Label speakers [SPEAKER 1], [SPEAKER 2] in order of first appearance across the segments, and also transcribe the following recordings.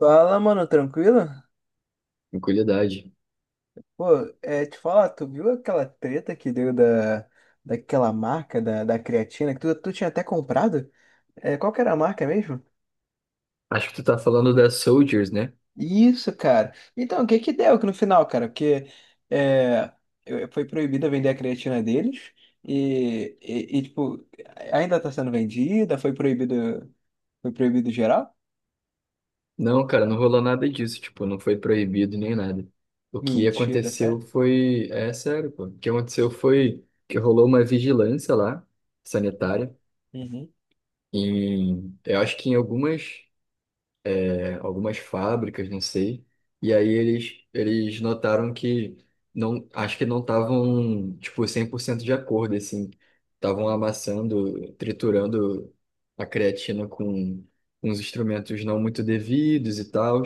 [SPEAKER 1] Fala, mano, tranquilo?
[SPEAKER 2] Tranquilidade.
[SPEAKER 1] Pô, te falar, tu viu aquela treta que deu daquela marca da creatina que tu tinha até comprado? É, qual que era a marca mesmo?
[SPEAKER 2] Acho que tu tá falando da Soldiers, né?
[SPEAKER 1] Isso, cara. Então, o que que deu que no final, cara? Porque é, foi proibida vender a creatina deles tipo, ainda tá sendo vendida, foi proibido geral?
[SPEAKER 2] Não, cara, não rolou nada disso, tipo, não foi proibido nem nada. O que
[SPEAKER 1] Mentira,
[SPEAKER 2] aconteceu
[SPEAKER 1] sério?
[SPEAKER 2] foi, é sério, pô. O que aconteceu foi que rolou uma vigilância lá, sanitária, eu acho que em algumas algumas fábricas, não sei. E aí eles notaram que não, acho que não estavam, tipo, 100% de acordo, assim. Estavam amassando, triturando a creatina com uns instrumentos não muito devidos e tal,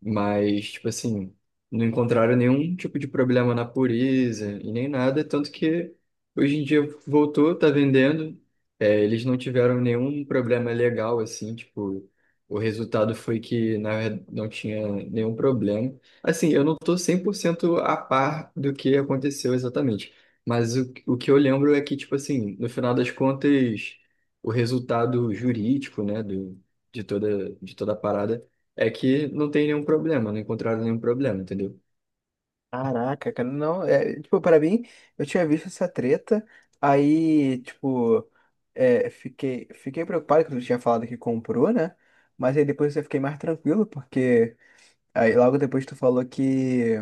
[SPEAKER 2] mas, tipo assim, não encontraram nenhum tipo de problema na pureza e nem nada, tanto que hoje em dia voltou, tá vendendo. É, eles não tiveram nenhum problema legal, assim, tipo, o resultado foi que, na verdade, não tinha nenhum problema. Assim, eu não estou cento a par do que aconteceu exatamente, mas o que eu lembro é que, tipo assim, no final das contas, o resultado jurídico, né, de toda a parada é que não tem nenhum problema, não encontraram nenhum problema, entendeu?
[SPEAKER 1] Caraca, cara, não, é, tipo, pra mim, eu tinha visto essa treta, aí, tipo, fiquei preocupado que tu tinha falado que comprou, né? Mas aí depois eu fiquei mais tranquilo, porque aí logo depois tu falou que,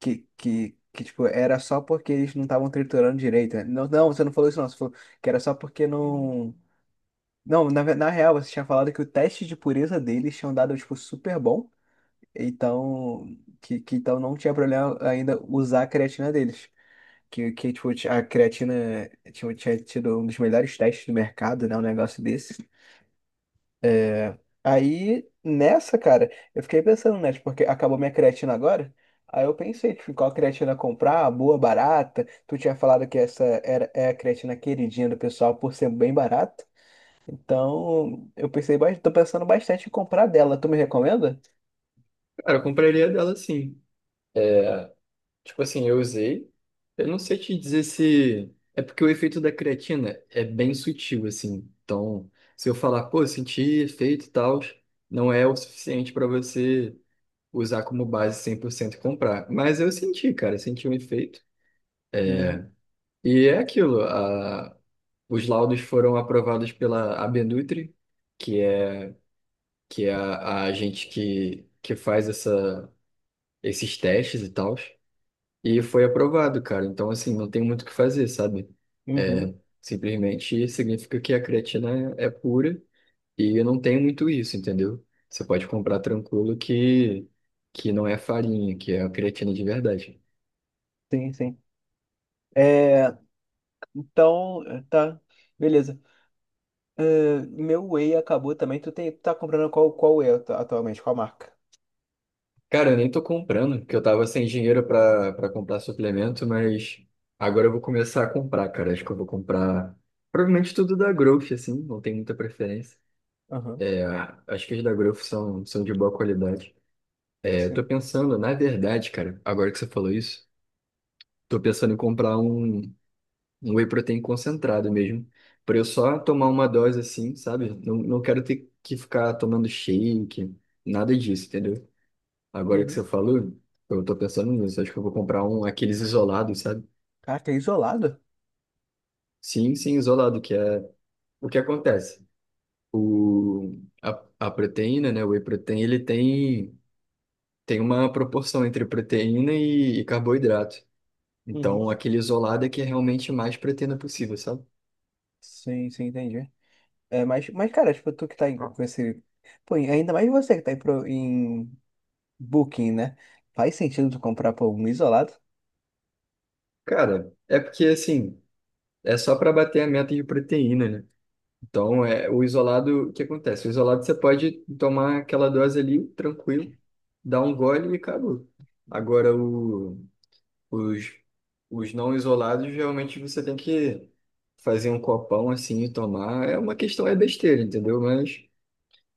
[SPEAKER 1] que, que, que tipo, era só porque eles não estavam triturando direito, né? Não, não, você não falou isso não, você falou que era só porque não... Não, na real, você tinha falado que o teste de pureza deles tinham dado, tipo, super bom, então que então não tinha problema ainda usar a creatina deles. Que tipo, a creatina tinha tido um dos melhores testes do mercado, né? Um negócio desse. É, Aí, nessa, cara, eu fiquei pensando, né? Tipo, porque acabou minha creatina agora. Aí eu pensei, tipo, qual creatina comprar, boa, barata. Tu tinha falado que essa é a creatina queridinha do pessoal por ser bem barata. Então, eu pensei, tô pensando bastante em comprar dela. Tu me recomenda?
[SPEAKER 2] Cara, eu compraria dela sim. Tipo assim, eu usei. Eu não sei te dizer se. É porque o efeito da creatina é bem sutil, assim. Então, se eu falar, pô, senti efeito e tal, não é o suficiente para você usar como base 100% e comprar. Mas eu senti, cara, eu senti um efeito.
[SPEAKER 1] Uhum,
[SPEAKER 2] E é aquilo. A... Os laudos foram aprovados pela Abenutri, que é, que é a gente que faz essa, esses testes e tal. E foi aprovado, cara. Então, assim, não tem muito o que fazer, sabe?
[SPEAKER 1] uhum,
[SPEAKER 2] É, simplesmente significa que a creatina é pura e eu não tenho muito isso, entendeu? Você pode comprar tranquilo que não é farinha, que é a creatina de verdade.
[SPEAKER 1] sim, sim. É, então, tá, beleza. Ah, meu Whey acabou também. Tu tá comprando qual, qual Whey atualmente? Qual marca?
[SPEAKER 2] Cara, eu nem tô comprando, porque eu tava sem dinheiro pra comprar suplemento, mas agora eu vou começar a comprar, cara. Acho que eu vou comprar provavelmente tudo da Growth, assim, não tem muita preferência.
[SPEAKER 1] Aham,
[SPEAKER 2] É, acho que as da Growth são, são de boa qualidade. Eu tô
[SPEAKER 1] sim.
[SPEAKER 2] pensando, na verdade, cara, agora que você falou isso, tô pensando em comprar um, um whey protein concentrado mesmo, pra eu só tomar uma dose assim, sabe? Não, não quero ter que ficar tomando shake, nada disso, entendeu? Agora que
[SPEAKER 1] Uhum.
[SPEAKER 2] você falou, eu tô pensando nisso, acho que eu vou comprar um, aqueles isolados, sabe?
[SPEAKER 1] Caraca, é isolado?
[SPEAKER 2] Sim, sim, isolado, que é o que acontece. O, a, a proteína, né, o whey protein, tem uma proporção entre proteína e carboidrato.
[SPEAKER 1] Uhum.
[SPEAKER 2] Então, aquele isolado é que é realmente mais proteína possível, sabe?
[SPEAKER 1] Sim, sim, entendi. É, cara, tipo, tu que tá com esse. Pô, e ainda mais você que tá em Booking, né? Faz sentido tu comprar, pô, um isolado?
[SPEAKER 2] Cara, é porque assim, é só para bater a meta de proteína, né? Então, é o isolado, o que acontece? O isolado você pode tomar aquela dose ali, tranquilo, dar um gole e acabou. Agora, os, os não isolados, realmente você tem que fazer um copão assim e tomar. É uma questão, é besteira, entendeu? Mas,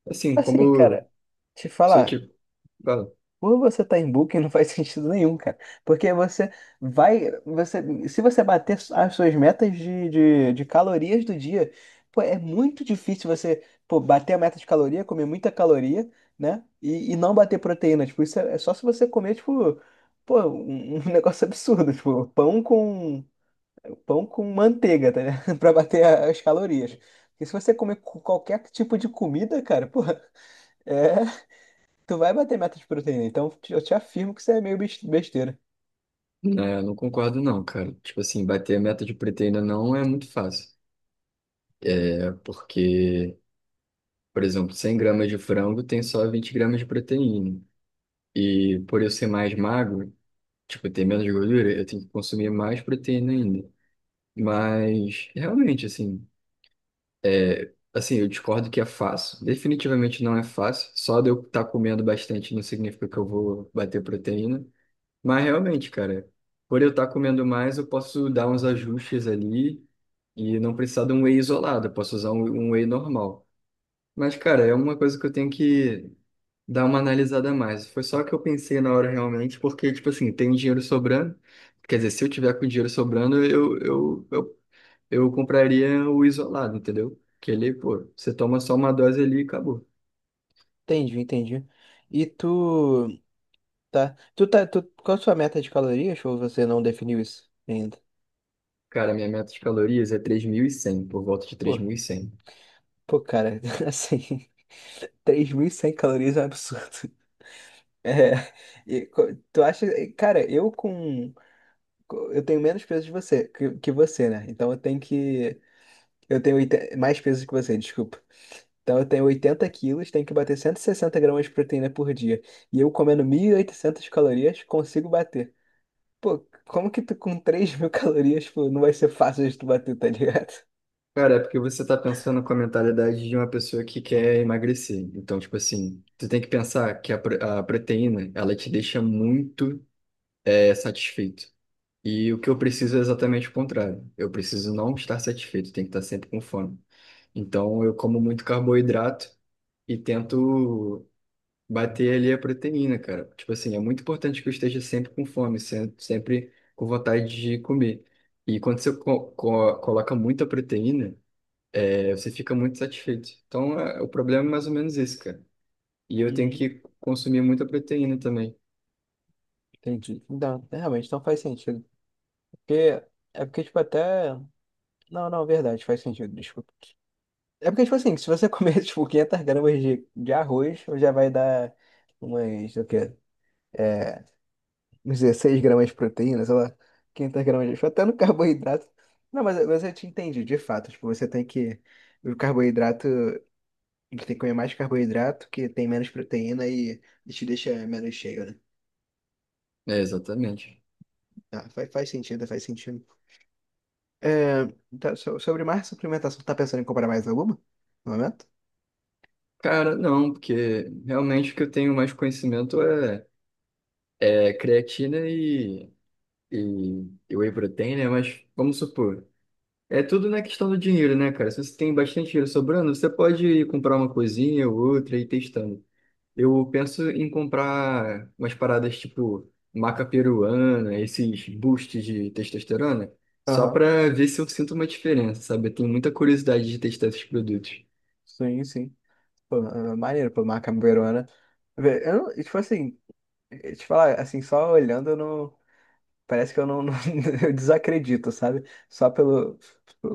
[SPEAKER 2] assim,
[SPEAKER 1] Assim, cara,
[SPEAKER 2] como
[SPEAKER 1] te
[SPEAKER 2] se eu
[SPEAKER 1] falar.
[SPEAKER 2] te.
[SPEAKER 1] Quando você tá em booking, não faz sentido nenhum, cara. Porque você vai. Você, se você bater as suas metas de calorias do dia, pô, é muito difícil você, pô, bater a meta de caloria, comer muita caloria, né? E não bater proteína. Tipo, isso é só se você comer, tipo, pô, um, um negócio absurdo. Tipo, pão com manteiga, tá ligado? Pra bater as calorias. Porque se você comer qualquer tipo de comida, cara, pô, é. Tu vai bater meta de proteína, então eu te afirmo que isso é meio besteira.
[SPEAKER 2] É, eu não concordo não, cara. Tipo assim, bater a meta de proteína não é muito fácil. É porque, por exemplo, 100 gramas de frango tem só 20 gramas de proteína. E por eu ser mais magro, tipo, ter menos gordura, eu tenho que consumir mais proteína ainda. Mas, realmente, assim, assim, eu discordo que é fácil. Definitivamente não é fácil. Só de eu estar comendo bastante não significa que eu vou bater proteína. Mas realmente, cara, por eu estar comendo mais, eu posso dar uns ajustes ali e não precisar de um whey isolado, eu posso usar um, um whey normal. Mas, cara, é uma coisa que eu tenho que dar uma analisada a mais. Foi só que eu pensei na hora realmente, porque, tipo assim, tem dinheiro sobrando. Quer dizer, se eu tiver com dinheiro sobrando, eu compraria o isolado, entendeu? Que ele, pô, você toma só uma dose ali e acabou.
[SPEAKER 1] Entendi, entendi. E tu, qual a sua meta de calorias ou você não definiu isso ainda?
[SPEAKER 2] Cara, minha meta de calorias é 3.100, por volta de três
[SPEAKER 1] Pô,
[SPEAKER 2] mil e cem.
[SPEAKER 1] pô, cara, assim, 3.100 calorias é um absurdo. É, tu acha, cara, eu tenho menos peso de você, que você, né? Então eu tenho 80 mais peso que você, desculpa. Então eu tenho 80 quilos, tenho que bater 160 gramas de proteína por dia. E eu comendo 1.800 calorias, consigo bater. Pô, como que tu com 3.000 calorias, pô, não vai ser fácil de tu bater, tá ligado?
[SPEAKER 2] Cara, é porque você tá pensando com a mentalidade de uma pessoa que quer emagrecer. Então, tipo assim, você tem que pensar que a proteína, ela te deixa muito satisfeito. E o que eu preciso é exatamente o contrário. Eu preciso não estar satisfeito, tem que estar sempre com fome. Então, eu como muito carboidrato e tento bater ali a proteína, cara. Tipo assim, é muito importante que eu esteja sempre com fome, sempre com vontade de comer. E quando você co co coloca muita proteína, aí você fica muito satisfeito. Então, o problema é mais ou menos isso, cara. E eu tenho
[SPEAKER 1] Uhum.
[SPEAKER 2] que consumir muita proteína também.
[SPEAKER 1] Entendi. Então, realmente, não faz sentido. Porque, é porque, tipo, até... Não, não, verdade, faz sentido, desculpa. É porque, tipo assim, se você comer, tipo, 500 gramas de arroz, já vai dar umas, o quê? É, uns 16 gramas de proteína, sei lá, 500 gramas de... Até no carboidrato. Não, mas eu te entendi, de fato. Tipo, você tem que... O carboidrato... A tem que comer mais carboidrato, que tem menos proteína e te deixa menos cheio, né?
[SPEAKER 2] É, exatamente.
[SPEAKER 1] Ah, faz sentido, faz sentido. É, tá, sobre mais suplementação, tá pensando em comprar mais alguma? No momento?
[SPEAKER 2] Cara, não, porque realmente o que eu tenho mais conhecimento é creatina e whey protein, né? Mas vamos supor, é tudo na questão do dinheiro, né, cara? Se você tem bastante dinheiro sobrando, você pode ir comprar uma coisinha ou outra e ir testando. Eu penso em comprar umas paradas tipo maca peruana, esses boosts de testosterona, só
[SPEAKER 1] Aham,
[SPEAKER 2] pra ver se eu sinto uma diferença, sabe? Eu tenho muita curiosidade de testar esses produtos.
[SPEAKER 1] sim, sim. Pô, maneiro, pô, uma cambuerona. Vê, eu não, tipo assim, te falar, assim, só olhando, eu não, parece que eu não, eu desacredito, sabe? Só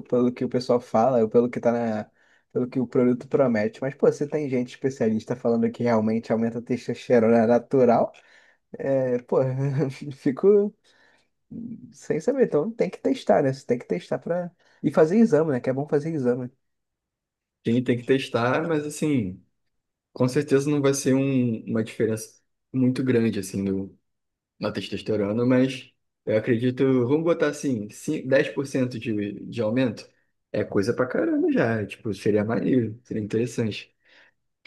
[SPEAKER 1] pelo que o pessoal fala, ou pelo que tá na, pelo que o produto promete. Mas, pô, você tem gente especialista falando que realmente aumenta a testosterona natural, é, pô, fico sem saber. Então tem que testar, né? Você tem que testar pra. E fazer exame, né? Que é bom fazer exame.
[SPEAKER 2] Tem que testar, mas assim, com certeza não vai ser uma diferença muito grande assim no, na testosterona, mas eu acredito, vamos botar assim, 10% de aumento é coisa pra caramba já, tipo, seria maneiro, seria interessante.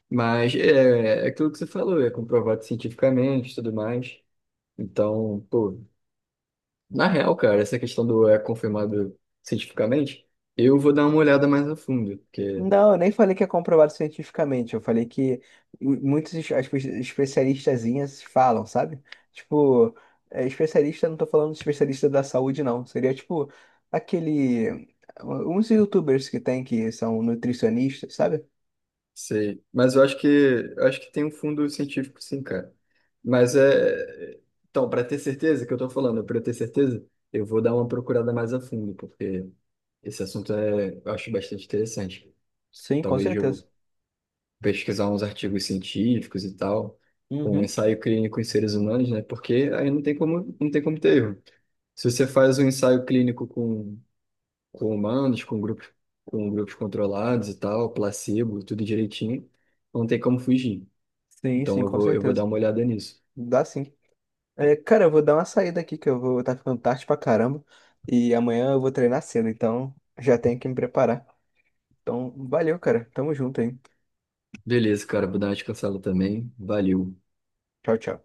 [SPEAKER 2] Mas é, é aquilo que você falou, é comprovado cientificamente e tudo mais. Então, pô, na real, cara, essa questão do é confirmado cientificamente, eu vou dar uma olhada mais a fundo, porque
[SPEAKER 1] Não, eu nem falei que é comprovado cientificamente. Eu falei que muitos especialistazinhas falam, sabe? Tipo, é, especialista, não tô falando de especialista da saúde, não. Seria tipo aquele. Uns YouTubers que tem que são nutricionistas, sabe?
[SPEAKER 2] sei. Mas eu acho que tem um fundo científico, sim, cara. Mas é. Então, para ter certeza que eu tô falando, para ter certeza, eu vou dar uma procurada mais a fundo, porque esse assunto é, eu acho bastante interessante.
[SPEAKER 1] Sim, com
[SPEAKER 2] Talvez eu
[SPEAKER 1] certeza.
[SPEAKER 2] pesquisar uns artigos científicos e tal, com um
[SPEAKER 1] Uhum.
[SPEAKER 2] ensaio clínico em seres humanos, né? Porque aí não tem como, não tem como ter erro. Se você faz um ensaio clínico com humanos, com grupos controlados e tal, placebo, tudo direitinho, não tem como fugir.
[SPEAKER 1] Sim,
[SPEAKER 2] Então
[SPEAKER 1] sim, com
[SPEAKER 2] eu vou dar
[SPEAKER 1] certeza.
[SPEAKER 2] uma olhada nisso.
[SPEAKER 1] Dá sim. É, cara, eu vou dar uma saída aqui que eu vou estar ficando tarde pra caramba. E amanhã eu vou treinar cedo, então já tenho que me preparar. Então, valeu, cara. Tamo junto, hein?
[SPEAKER 2] Beleza, cara, vou dar uma descansada também. Valeu.
[SPEAKER 1] Tchau, tchau.